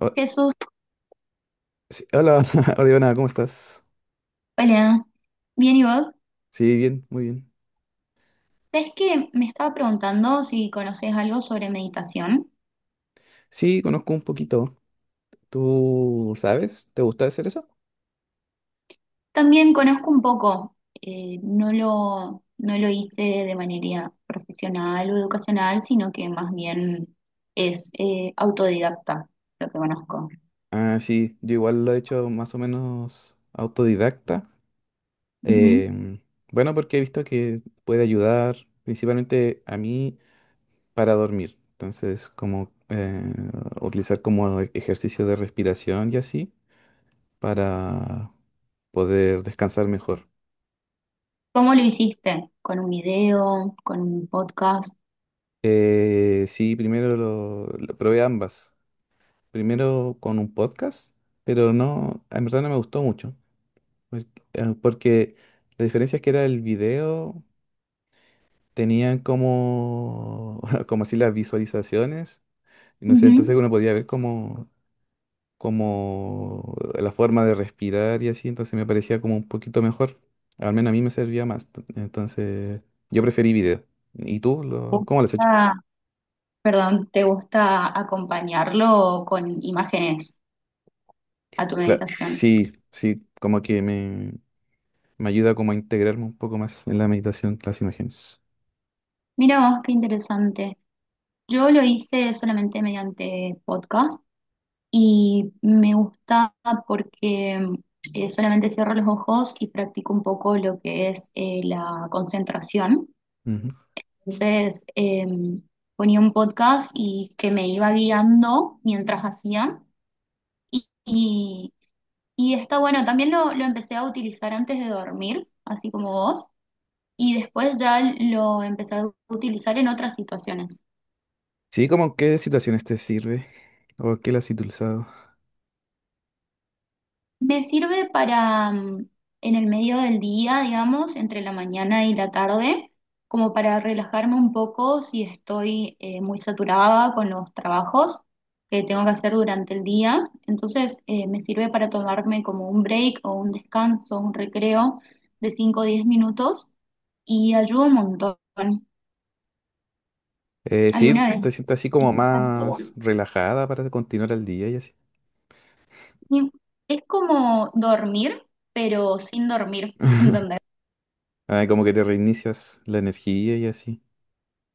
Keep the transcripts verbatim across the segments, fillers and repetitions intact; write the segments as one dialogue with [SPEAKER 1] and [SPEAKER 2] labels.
[SPEAKER 1] O-
[SPEAKER 2] Jesús,
[SPEAKER 1] sí, hola, Oriana, ¿cómo estás?
[SPEAKER 2] hola. Bien, ¿y vos?
[SPEAKER 1] Sí, bien, muy bien.
[SPEAKER 2] ¿Sabés que me estaba preguntando si conocés algo sobre meditación?
[SPEAKER 1] Sí, conozco un poquito. ¿Tú sabes? ¿Te gusta hacer eso?
[SPEAKER 2] También conozco un poco, eh, no lo, no lo hice de manera profesional o educacional, sino que más bien es eh, autodidacta lo que conozco.
[SPEAKER 1] Ah, sí, yo igual lo he hecho más o menos autodidacta.
[SPEAKER 2] Ujú.
[SPEAKER 1] Em, bueno, porque he visto que puede ayudar principalmente a mí para dormir. Entonces, como eh, utilizar como e- ejercicio de respiración y así para poder descansar mejor.
[SPEAKER 2] ¿Cómo lo hiciste? ¿Con un video? ¿Con un podcast?
[SPEAKER 1] Eh, sí, primero lo, lo probé ambas. Primero con un podcast, pero no, en verdad no me gustó mucho, pues, eh, porque la diferencia es que era el video, tenían como, como así las visualizaciones, y no sé,
[SPEAKER 2] Ujú.
[SPEAKER 1] entonces uno podía ver como, como la forma de respirar y así, entonces me parecía como un poquito mejor, al menos a mí me servía más, t- entonces yo preferí video. ¿Y tú
[SPEAKER 2] ¿Te
[SPEAKER 1] lo, cómo lo has hecho?
[SPEAKER 2] gusta- Perdón, ¿te gusta acompañarlo con imágenes a tu
[SPEAKER 1] Claro,
[SPEAKER 2] meditación?
[SPEAKER 1] sí, sí, como que me... Me ayuda como a integrarme un poco más en la meditación, las imágenes.
[SPEAKER 2] Mira vos, qué interesante. Yo lo hice solamente mediante podcast y me gusta porque eh, solamente cierro los ojos y practico un poco lo que es eh, la concentración.
[SPEAKER 1] Ujú.
[SPEAKER 2] Entonces eh, ponía un podcast y que me iba guiando mientras hacía. Y, y, y está bueno, también lo, lo empecé a utilizar antes de dormir, así como vos, y después ya lo empecé a utilizar en otras situaciones.
[SPEAKER 1] Sí, como en qué situaciones te sirve o qué las has utilizado.
[SPEAKER 2] Me sirve para mm, en el medio del día, digamos, entre la mañana y la tarde, como para relajarme un poco si estoy eh, muy saturada con los trabajos que tengo que hacer durante el día. Entonces, eh, me sirve para tomarme como un break o un descanso, un recreo de cinco o diez minutos y ayuda un montón.
[SPEAKER 1] Eh, sí,
[SPEAKER 2] Alguna vez.
[SPEAKER 1] te sientes así como
[SPEAKER 2] Sí.
[SPEAKER 1] más relajada para continuar el día y así.
[SPEAKER 2] Es como dormir, pero sin dormir, ¿entendés?
[SPEAKER 1] Ah, como que te reinicias la energía y así.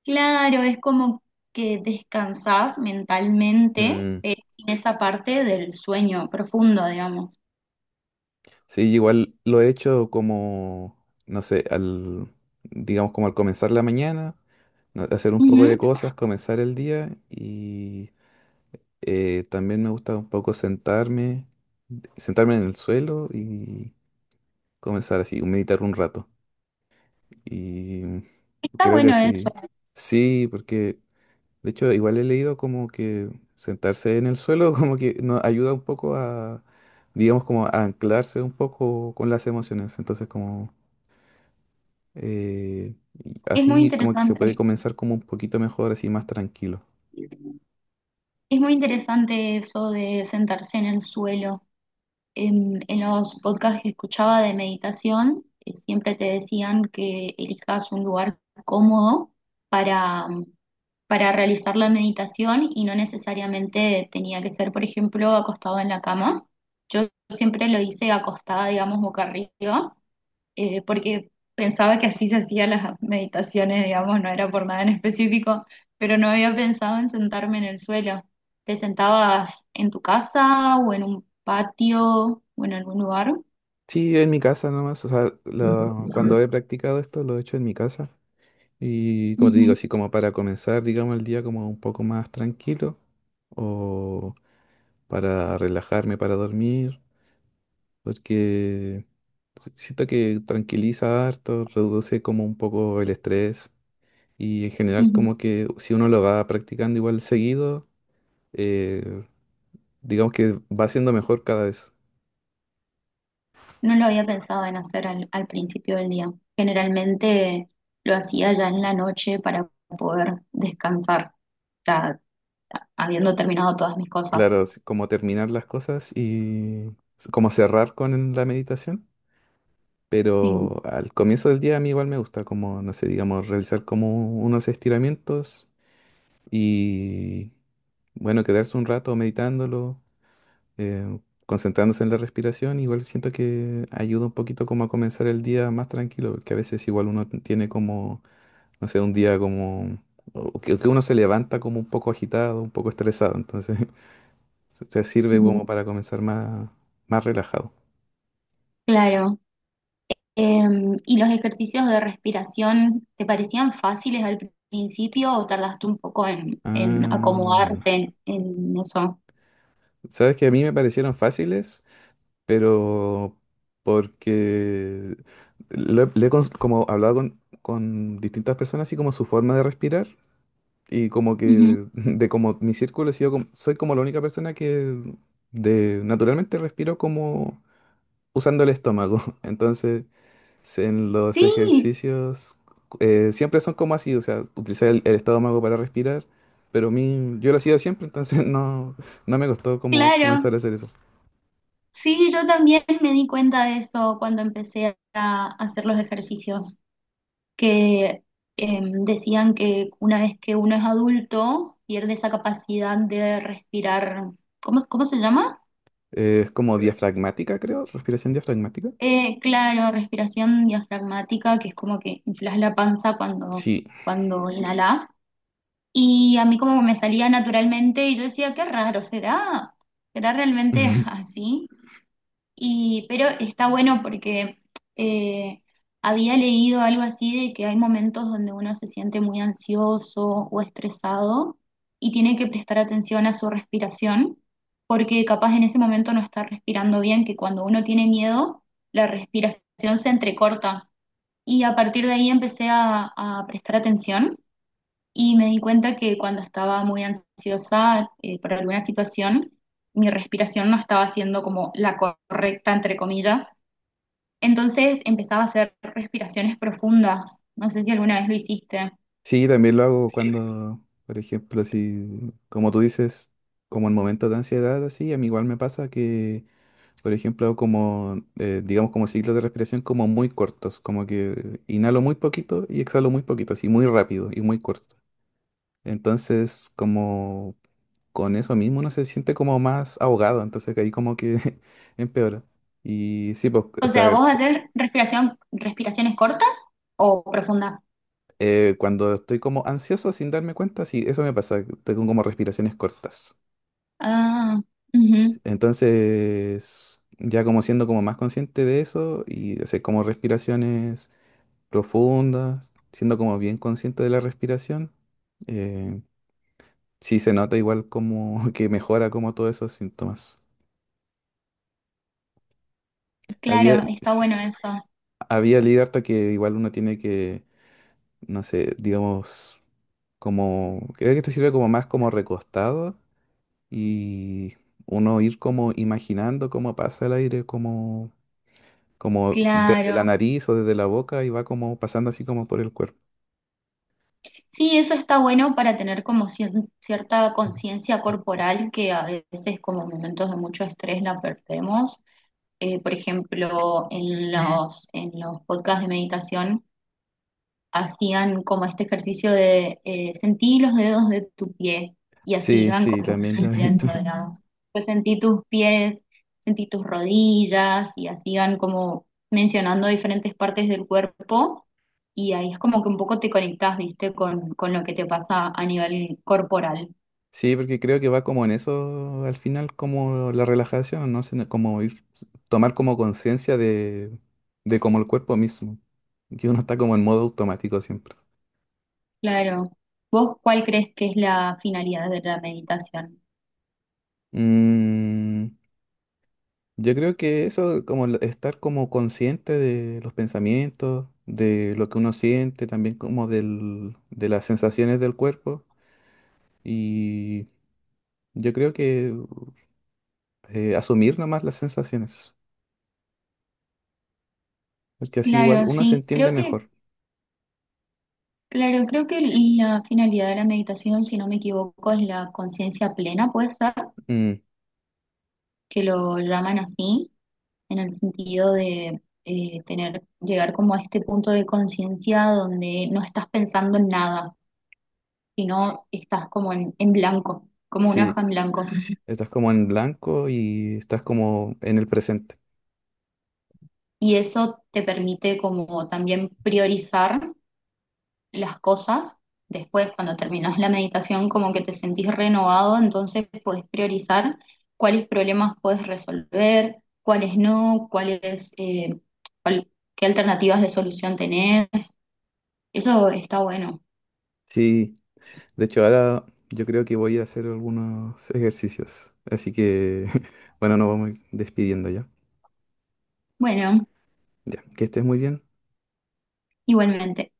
[SPEAKER 2] Claro, es como que descansás mentalmente
[SPEAKER 1] Mm,
[SPEAKER 2] eh, sin esa parte del sueño profundo, digamos.
[SPEAKER 1] Sí, igual lo he hecho como, no sé, al, digamos como al comenzar la mañana, no- hacer un poco
[SPEAKER 2] Ujú.
[SPEAKER 1] de cosas, comenzar el día y Eh, también me gusta un poco sentarme, sentarme en el suelo y comenzar así, meditar un rato. Y
[SPEAKER 2] Está
[SPEAKER 1] creo que
[SPEAKER 2] bueno eso,
[SPEAKER 1] así, sí, porque de hecho igual he leído como que sentarse en el suelo como que nos ayuda un poco a, digamos, como a anclarse un poco con las emociones. Entonces como eh, y
[SPEAKER 2] es muy
[SPEAKER 1] así como que se puede
[SPEAKER 2] interesante.
[SPEAKER 1] comenzar como un poquito mejor, así más tranquilo.
[SPEAKER 2] Es muy interesante eso de sentarse en el suelo. En, en los podcasts que escuchaba de meditación, eh, siempre te decían que elijas un lugar cómodo para, para, realizar la meditación y no necesariamente tenía que ser, por ejemplo, acostado en la cama. Yo siempre lo hice acostada, digamos, boca arriba, eh, porque pensaba que así se hacían las meditaciones, digamos, no era por nada en específico, pero no había pensado en sentarme en el suelo. ¿Te sentabas en tu casa o en un patio o en algún lugar?
[SPEAKER 1] Sí, en mi casa nomás, o sea, lo- cuando he practicado esto lo he hecho en mi casa. Y como te digo,
[SPEAKER 2] Ujú,
[SPEAKER 1] así como para comenzar, digamos, el día como un poco más tranquilo o para relajarme, para dormir, porque si- siento que tranquiliza harto, reduce como un poco el estrés y en general
[SPEAKER 2] ujú.
[SPEAKER 1] como que si uno lo va practicando igual seguido, eh, digamos que va siendo mejor cada vez.
[SPEAKER 2] No lo había pensado en hacer al, al, principio del día. Generalmente lo hacía ya en la noche para poder descansar, ya habiendo terminado todas mis cosas.
[SPEAKER 1] Claro, así como terminar las cosas y s- como cerrar con la meditación.
[SPEAKER 2] Sí.
[SPEAKER 1] Pero al comienzo del día a mí igual me gusta como, no sé, digamos, realizar como unos estiramientos y, bueno, quedarse un rato meditándolo, eh, concentrándose en la respiración, igual siento que ayuda un poquito como a comenzar el día más tranquilo, porque a veces igual uno tiene como, no sé, un día como, o que, que uno se levanta como un poco agitado, un poco estresado, entonces se se sirve
[SPEAKER 2] Ujú.
[SPEAKER 1] como para comenzar más, más relajado.
[SPEAKER 2] Claro. Em, ¿y los ejercicios de respiración te parecían fáciles al principio o tardaste un poco en, en
[SPEAKER 1] Ah,
[SPEAKER 2] acomodarte en, en eso?
[SPEAKER 1] ¿sabes que a mí me parecieron fáciles? Pero porque lo he- le he cons- como hablado con, con distintas personas así como su forma de respirar y como
[SPEAKER 2] Ujú.
[SPEAKER 1] que de como mi círculo he sido como- soy como la única persona que de naturalmente respiro como usando el estómago. Entonces, se- en los
[SPEAKER 2] Sí,
[SPEAKER 1] ejercicios eh, siempre son como así, o sea, utilizar el, el estómago para respirar, pero a mí yo lo hacía siempre, entonces no no me costó como
[SPEAKER 2] claro.
[SPEAKER 1] comenzar a hacer eso.
[SPEAKER 2] Sí, yo también me di cuenta de eso cuando empecé a a hacer los ejercicios. Que em, decían que una vez que uno es adulto pierde esa capacidad de respirar. ¿cómo, cómo, se llama?
[SPEAKER 1] Eh, es como diafragmática, creo, respiración diafragmática.
[SPEAKER 2] Eh, claro, respiración diafragmática, que es como que inflas la panza cuando,
[SPEAKER 1] Sí.
[SPEAKER 2] cuando inhalas. Y a mí como que me salía naturalmente y yo decía, qué raro. ¿Será? ¿Será realmente así? Y, pero está bueno porque eh, había leído algo así de que hay momentos donde uno se siente muy ansioso o estresado y tiene que prestar atención a su respiración, porque capaz en ese momento no está respirando bien, que cuando uno tiene miedo, la respiración se entrecorta. Y a partir de ahí empecé a, a prestar atención y me di cuenta que cuando estaba muy ansiosa eh, por alguna situación, mi respiración no estaba siendo como la correcta, entre comillas. Entonces empezaba a hacer respiraciones profundas. No sé si alguna vez lo hiciste.
[SPEAKER 1] Sí, también lo hago cuando, por ejemplo, si, como tú dices, como en momentos de ansiedad, así, a mí igual me pasa que, por ejemplo, hago como, eh, digamos, como ciclos de respiración como muy cortos, como que inhalo muy poquito y exhalo muy poquito, así, muy rápido y muy corto. Entonces, como con eso mismo uno se siente como más ahogado, entonces que ahí como que empeora. Y sí, pues, o
[SPEAKER 2] O sea,
[SPEAKER 1] sea,
[SPEAKER 2] ¿vos haces respiración, respiraciones cortas o profundas?
[SPEAKER 1] Eh, cuando estoy como ansioso sin darme cuenta, sí, eso me pasa, tengo como respiraciones cortas.
[SPEAKER 2] Ah, ujú.
[SPEAKER 1] Entonces, ya como siendo como más consciente de eso y hacer como respiraciones profundas, siendo como bien consciente de la respiración, eh, sí se nota igual como que mejora como todos esos síntomas. Había,
[SPEAKER 2] Claro, está
[SPEAKER 1] sí,
[SPEAKER 2] bueno eso.
[SPEAKER 1] había leído harto que igual uno tiene que, no sé, digamos, como, creo que esto sirve como más como recostado y uno ir como imaginando cómo pasa el aire, como, como desde la
[SPEAKER 2] Claro.
[SPEAKER 1] nariz o desde la boca y va como pasando así como por el cuerpo.
[SPEAKER 2] Sí, eso está bueno para tener como cien- cierta conciencia corporal que a veces como en momentos de mucho estrés la perdemos. Eh, por ejemplo, en los, en los, podcasts de meditación hacían como este ejercicio de eh, sentí los dedos de tu pie y así
[SPEAKER 1] Sí,
[SPEAKER 2] iban
[SPEAKER 1] sí,
[SPEAKER 2] como
[SPEAKER 1] también lo he visto.
[SPEAKER 2] sintiendo, digamos. Pues sentí tus pies, sentí tus rodillas y así iban como mencionando diferentes partes del cuerpo y ahí es como que un poco te conectás, viste, con, con lo que te pasa a nivel corporal.
[SPEAKER 1] Sí, porque creo que va como en eso al final, como la relajación, ¿no? Sino como ir, tomar como conciencia de, de como el cuerpo mismo, que uno está como en modo automático siempre.
[SPEAKER 2] Claro. ¿Vos cuál crees que es la finalidad de la meditación?
[SPEAKER 1] Mm, Yo creo que eso, como el estar como consciente de los pensamientos, de lo que uno siente, también como del, de las sensaciones del cuerpo. Y yo creo que eh, asumir nomás las sensaciones, porque así igual
[SPEAKER 2] Claro,
[SPEAKER 1] uno se
[SPEAKER 2] sí,
[SPEAKER 1] entiende
[SPEAKER 2] creo que
[SPEAKER 1] mejor.
[SPEAKER 2] Claro, creo que la finalidad de la meditación, si no me equivoco, es la conciencia plena, puede ser
[SPEAKER 1] Mm,
[SPEAKER 2] que lo llaman así, en el sentido de eh, tener, llegar como a este punto de conciencia donde no estás pensando en nada, sino estás como en, en, blanco, como una hoja
[SPEAKER 1] sí,
[SPEAKER 2] en blanco.
[SPEAKER 1] estás como en blanco y estás como en el presente.
[SPEAKER 2] Y eso te permite como también priorizar las cosas. Después, cuando terminas la meditación, como que te sentís renovado, entonces podés priorizar cuáles problemas puedes resolver, cuáles no, cuáles, eh, cuál- qué alternativas de solución tenés. Eso está bueno.
[SPEAKER 1] Sí, de hecho ahora yo creo que voy a hacer algunos ejercicios. Así que, bueno, nos vamos a ir despidiendo ya.
[SPEAKER 2] Bueno,
[SPEAKER 1] Ya, que estés muy bien.
[SPEAKER 2] igualmente.